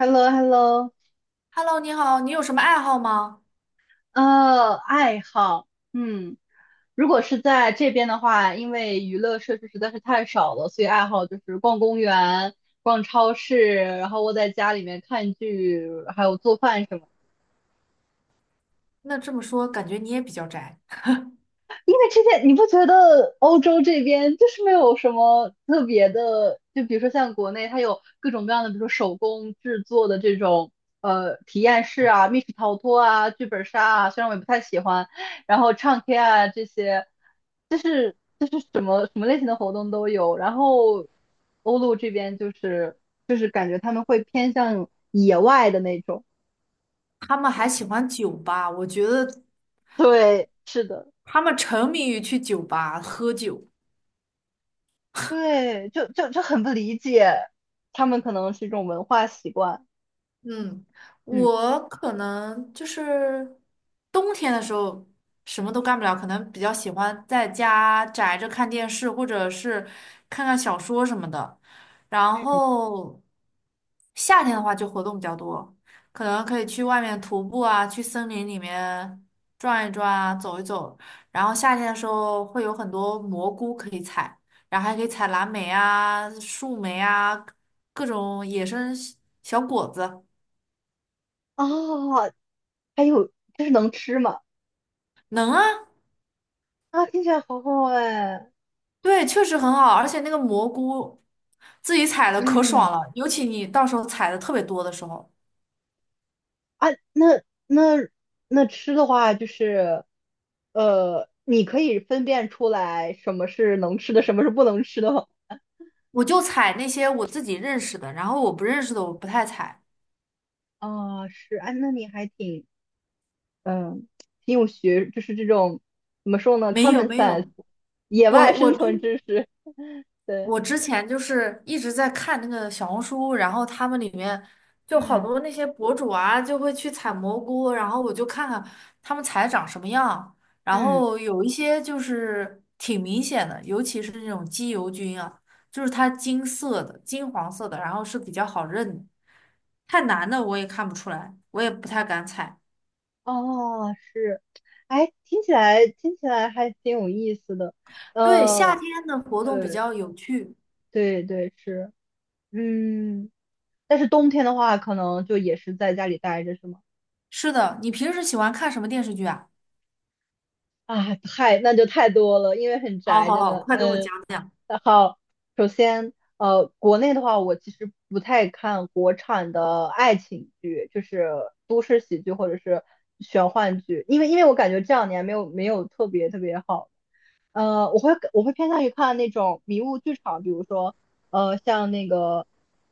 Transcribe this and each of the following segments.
h e l l o h e l l o Hello，你好，你有什么爱好吗？爱好，如果是在这边的话，因为娱乐设施实在是太少了，所以爱好就是逛公园、逛超市，然后窝在家里面看剧，还有做饭什么的。那这么说，感觉你也比较宅。因为之前你不觉得欧洲这边就是没有什么特别的，就比如说像国内，它有各种各样的，比如说手工制作的这种体验式啊、密室逃脱啊、剧本杀啊，虽然我也不太喜欢，然后唱 K 啊这些，就是什么什么类型的活动都有。然后欧陆这边就是感觉他们会偏向野外的那种。他们还喜欢酒吧，我觉得对，是的。他们沉迷于去酒吧喝酒。对，就很不理解，他们可能是一种文化习惯。嗯，嗯，我可能就是冬天的时候什么都干不了，可能比较喜欢在家宅着看电视，或者是看看小说什么的。然嗯，后夏天的话就活动比较多，可能可以去外面徒步啊，去森林里面转一转啊，走一走。然后夏天的时候会有很多蘑菇可以采，然后还可以采蓝莓啊、树莓啊，各种野生小果子。哦，还有就是能吃嘛？能啊，啊，听起来好好哎。对，确实很好，而且那个蘑菇自己采的可嗯，爽了，尤其你到时候采的特别多的时候，啊，那那那吃的话，就是你可以分辨出来什么是能吃的，什么是不能吃的吗？我就采那些我自己认识的，然后我不认识的我不太采。哦，是，哎，那你还挺嗯，挺有学，就是这种怎么说呢没有，common 没 sense，有，野外我我生之存知识。对，我之前就是一直在看那个小红书，然后他们里面就好嗯多那些博主啊，就会去采蘑菇，然后我就看看他们采长什么样，然嗯。后有一些就是挺明显的，尤其是那种鸡油菌啊，就是它金色的、金黄色的，然后是比较好认的太难的我也看不出来，我也不太敢采。哦，是，哎，听起来还挺有意思的。对，夏呃，天的活动比对较有趣。对对，是，嗯，但是冬天的话，可能就也是在家里待着，是吗？是的，你平时喜欢看什么电视剧啊？啊，那就太多了，因为很好宅，好真好，的。快跟我嗯，讲讲。那好。首先，国内的话，我其实不太看国产的爱情剧，就是都市喜剧或者是玄幻剧，因为我感觉这2年没有特别特别好。我会偏向于看那种迷雾剧场，比如说，像那个，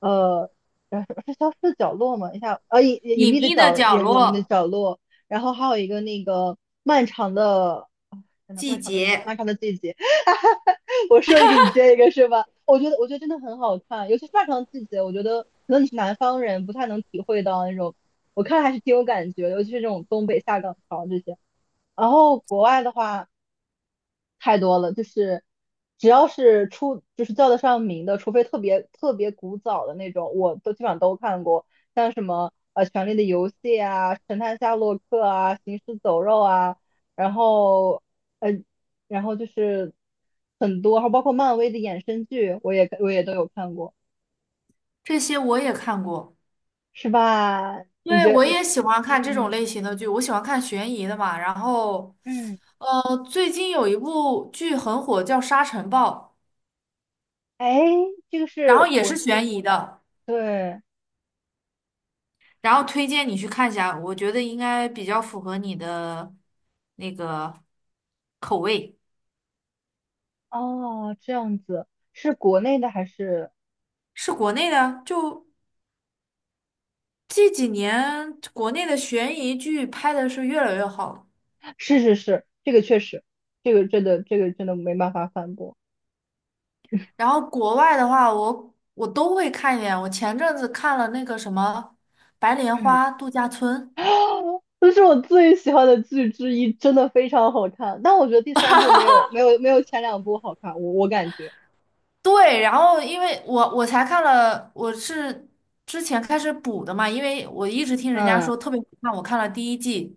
呃，呃是消失的角落嘛，一下，隐秘的角隐秘的落、角落。然后还有一个那个漫长的，真的漫季长的节，漫长的季节，我说一个你接一个是吧？我觉得真的很好看，尤其是漫长的季节。我觉得可能你是南方人，不太能体会到那种，我看还是挺有感觉的，尤其是这种东北下岗潮这些。然后国外的话。太多了，就是只要是就是叫得上名的，除非特别特别古早的那种，我都基本上都看过。像什么《权力的游戏》啊，《神探夏洛克》啊，《行尸走肉》啊，然后嗯，然后就是很多，还有包括漫威的衍生剧，我也都有看过。这些我也看过。是吧？你对，觉我得？也喜欢看这种嗯类型的剧，我喜欢看悬疑的嘛。然后，嗯，最近有一部剧很火，叫《沙尘暴》，哎，这个然后是也是国，悬疑的，对，然后推荐你去看一下，我觉得应该比较符合你的那个口味。哦，这样子，是国内的还是？是国内的，就这几年国内的悬疑剧拍的是越来越好。是是是，这个确实。这个真的没办法反驳。然后国外的话，我都会看一点。我前阵子看了那个什么《白莲嗯，花度假村》，啊，这是我最喜欢的剧之一，真的非常好看。但我觉得第三部没有前两部好看，我感觉。对，然后因为我才看了，我是之前开始补的嘛，因为我一直听人家嗯，说特别好看，我看了第一季，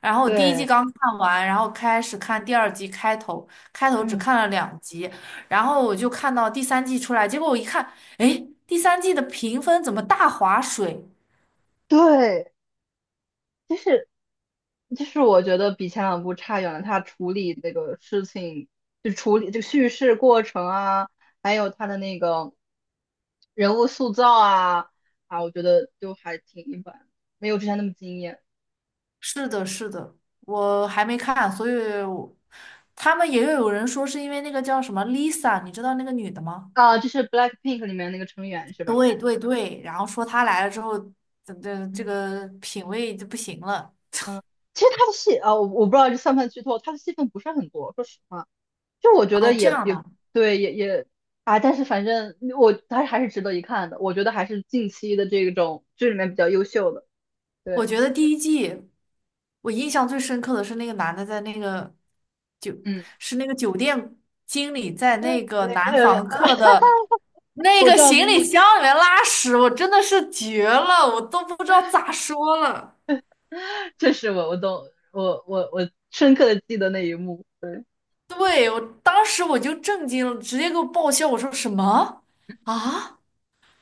然后我第一季对，刚看完，然后开始看第二季开头，开头只嗯，看了2集，然后我就看到第三季出来，结果我一看，哎，第三季的评分怎么大划水？对。就是就是我觉得比前两部差远了。他处理这个事情，就处理这个叙事过程啊，还有他的那个人物塑造啊，我觉得就还挺一般，没有之前那么惊艳是的，是的，我还没看，所以我他们也有人说是因为那个叫什么 Lisa,你知道那个女的吗？啊。就是 BLACKPINK 里面那个成员是吧？对对对，然后说她来了之后，这这这嗯，个品味就不行了。嗯，其实他的戏啊，我不知道这算不算剧透，他的戏份不是很多，说实话。就我觉哦，得这也样也的，对，也啊，但是反正我他还是值得一看的，我觉得还是近期的这种剧里面比较优秀的。我对。觉得第一季我印象最深刻的是那个男的在那个酒，嗯。是那个酒店经理在那个呃，男呃 房客 的那我个知道行您，李箱里面拉屎，我真的是绝了，我都不知道咋说了。这是我懂，我深刻的记得那一幕。对，对，我当时我就震惊了，直接给我爆笑。我说什么啊？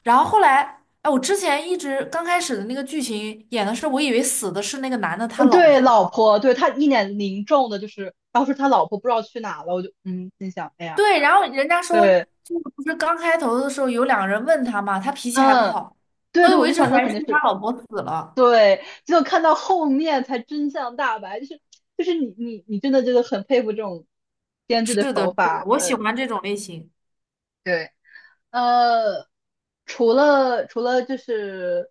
然后后来，哎，我之前一直刚开始的那个剧情演的是，我以为死的是那个男的他嗯，老对，老婆。婆。对他一脸凝重的，就是当时他老婆不知道去哪了，我就心想，哎呀。对，然后人家说，对，就是不是刚开头的时候有2个人问他嘛，他脾气还不嗯，好，对所以对，我我一就直想那怀疑肯是不定是他是。老婆死了。对，只有看到后面才真相大白，就是你真的就是很佩服这种编剧是的的，是手的，法。我喜对欢这种类型。对。呃，除了就是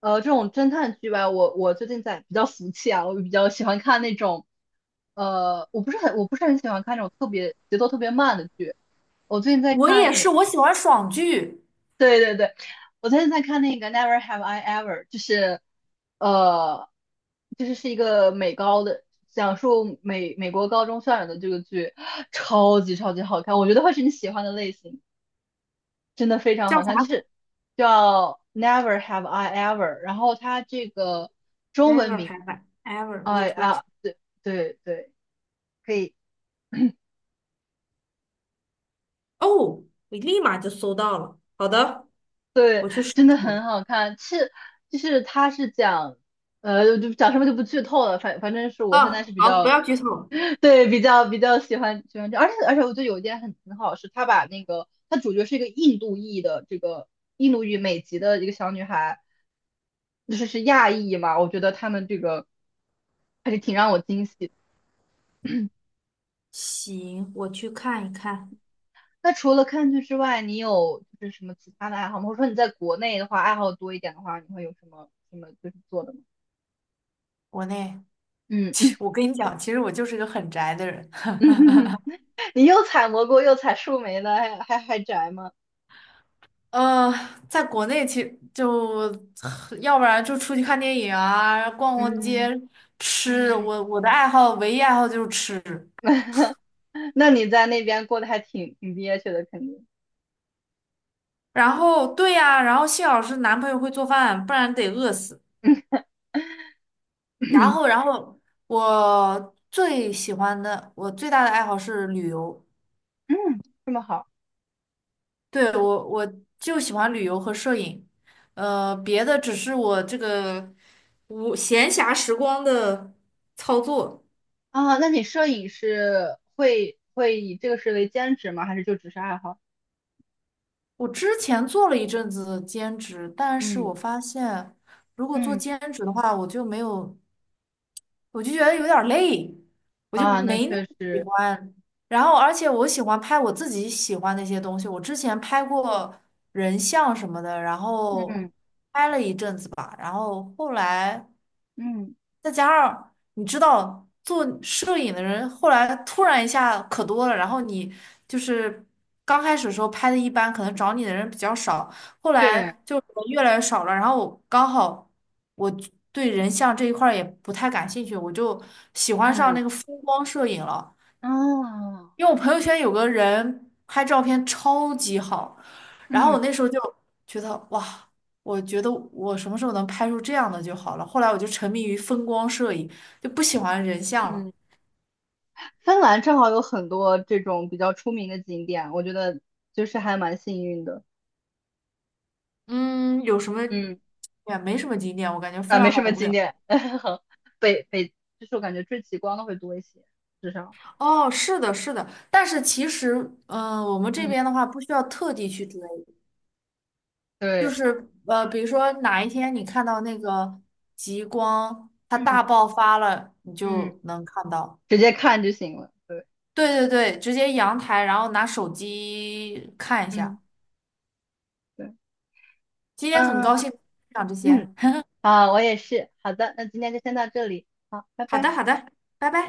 这种侦探剧吧，我最近在比较俗气啊，我比较喜欢看那种我不是很喜欢看那种特别节奏特别慢的剧。我最近在我看。也是，我喜欢爽剧，对对对，我最近在看那个《Never Have I Ever》，就是呃，就是是一个美高的，讲述美国高中校园的这个剧，超级超级好看，我觉得会是你喜欢的类型，真的非常叫好啥看。就是叫《Never Have I Ever》，然后它这个中文？Never 名，have I ever. 哎 Wait, wait. 啊，对对对，可以。哦，我立马就搜到了。好的。对，我去试真的很试。好看。是。就是它是讲，就讲什么就不剧透了。反正是我现在啊，是比好，不较。要剧透。对，比较喜欢这，而且我觉得有一点很好，是他把那个他主角是一个印度裔的这个印度裔美籍的一个小女孩，就是是亚裔嘛。我觉得他们这个还是挺让我惊喜的。行，我去看一看。那除了看剧之外，你有就是什么其他的爱好吗？或者说你在国内的话，爱好多一点的话，你会有什么什么就是做的吗？国内，嗯 嗯嗯。我跟你讲，其实我就是个很宅的人。你又采蘑菇又采树莓的，还宅吗？呃，在国内其实就，要不然就出去看电影啊，逛逛街，嗯，吃。嗯 我我的爱好，唯一爱好就是吃。那你在那边过得还挺憋屈的，肯定。然后，对呀、然后幸好是男朋友会做饭，不然得饿死。然后，然后我最喜欢的，我最大的爱好是旅游。嗯，这么好对，我就喜欢旅游和摄影，别的只是我这个无闲暇时光的操作。啊？那你摄影是会以这个事为兼职吗？还是就只是爱好？我之前做了一阵子兼职，但是嗯我发现，如果做嗯兼职的话，我就没有，我就觉得有点儿累，我就啊，那没那么确喜实。欢。然后，而且我喜欢拍我自己喜欢的一些东西。我之前拍过人像什么的，然后嗯拍了一阵子吧，然后后来。嗯，再加上你知道，做摄影的人后来突然一下可多了，然后你就是刚开始的时候拍的一般，可能找你的人比较少，后来对，就人越来越少了。然后我刚好我对人像这一块儿也不太感兴趣，我就喜欢上嗯那个风光摄影了。啊，因为我朋友圈有个人拍照片超级好，然后我嗯那时候就觉得哇，我觉得我什么时候能拍出这样的就好了。后来我就沉迷于风光摄影，就不喜欢人像了。嗯，芬兰正好有很多这种比较出名的景点，我觉得就是还蛮幸运的。嗯，有什么嗯。也没什么景点，我感觉啊，芬没兰什好么无经聊。验，北北就是我感觉追极光的会多一些，至少。哦，是的，是的，但是其实，嗯、我们这嗯边的话不需要特地去追，就对，是比如说哪一天你看到那个极光它嗯大爆发了，你嗯，就能看到。直接看就行了。对，对对对，直接阳台，然后拿手机看一嗯，下。对，今天很高嗯兴讲这嗯。些。好，我也是，好的，那今天就先到这里，好，拜 好的，拜。好的，拜拜。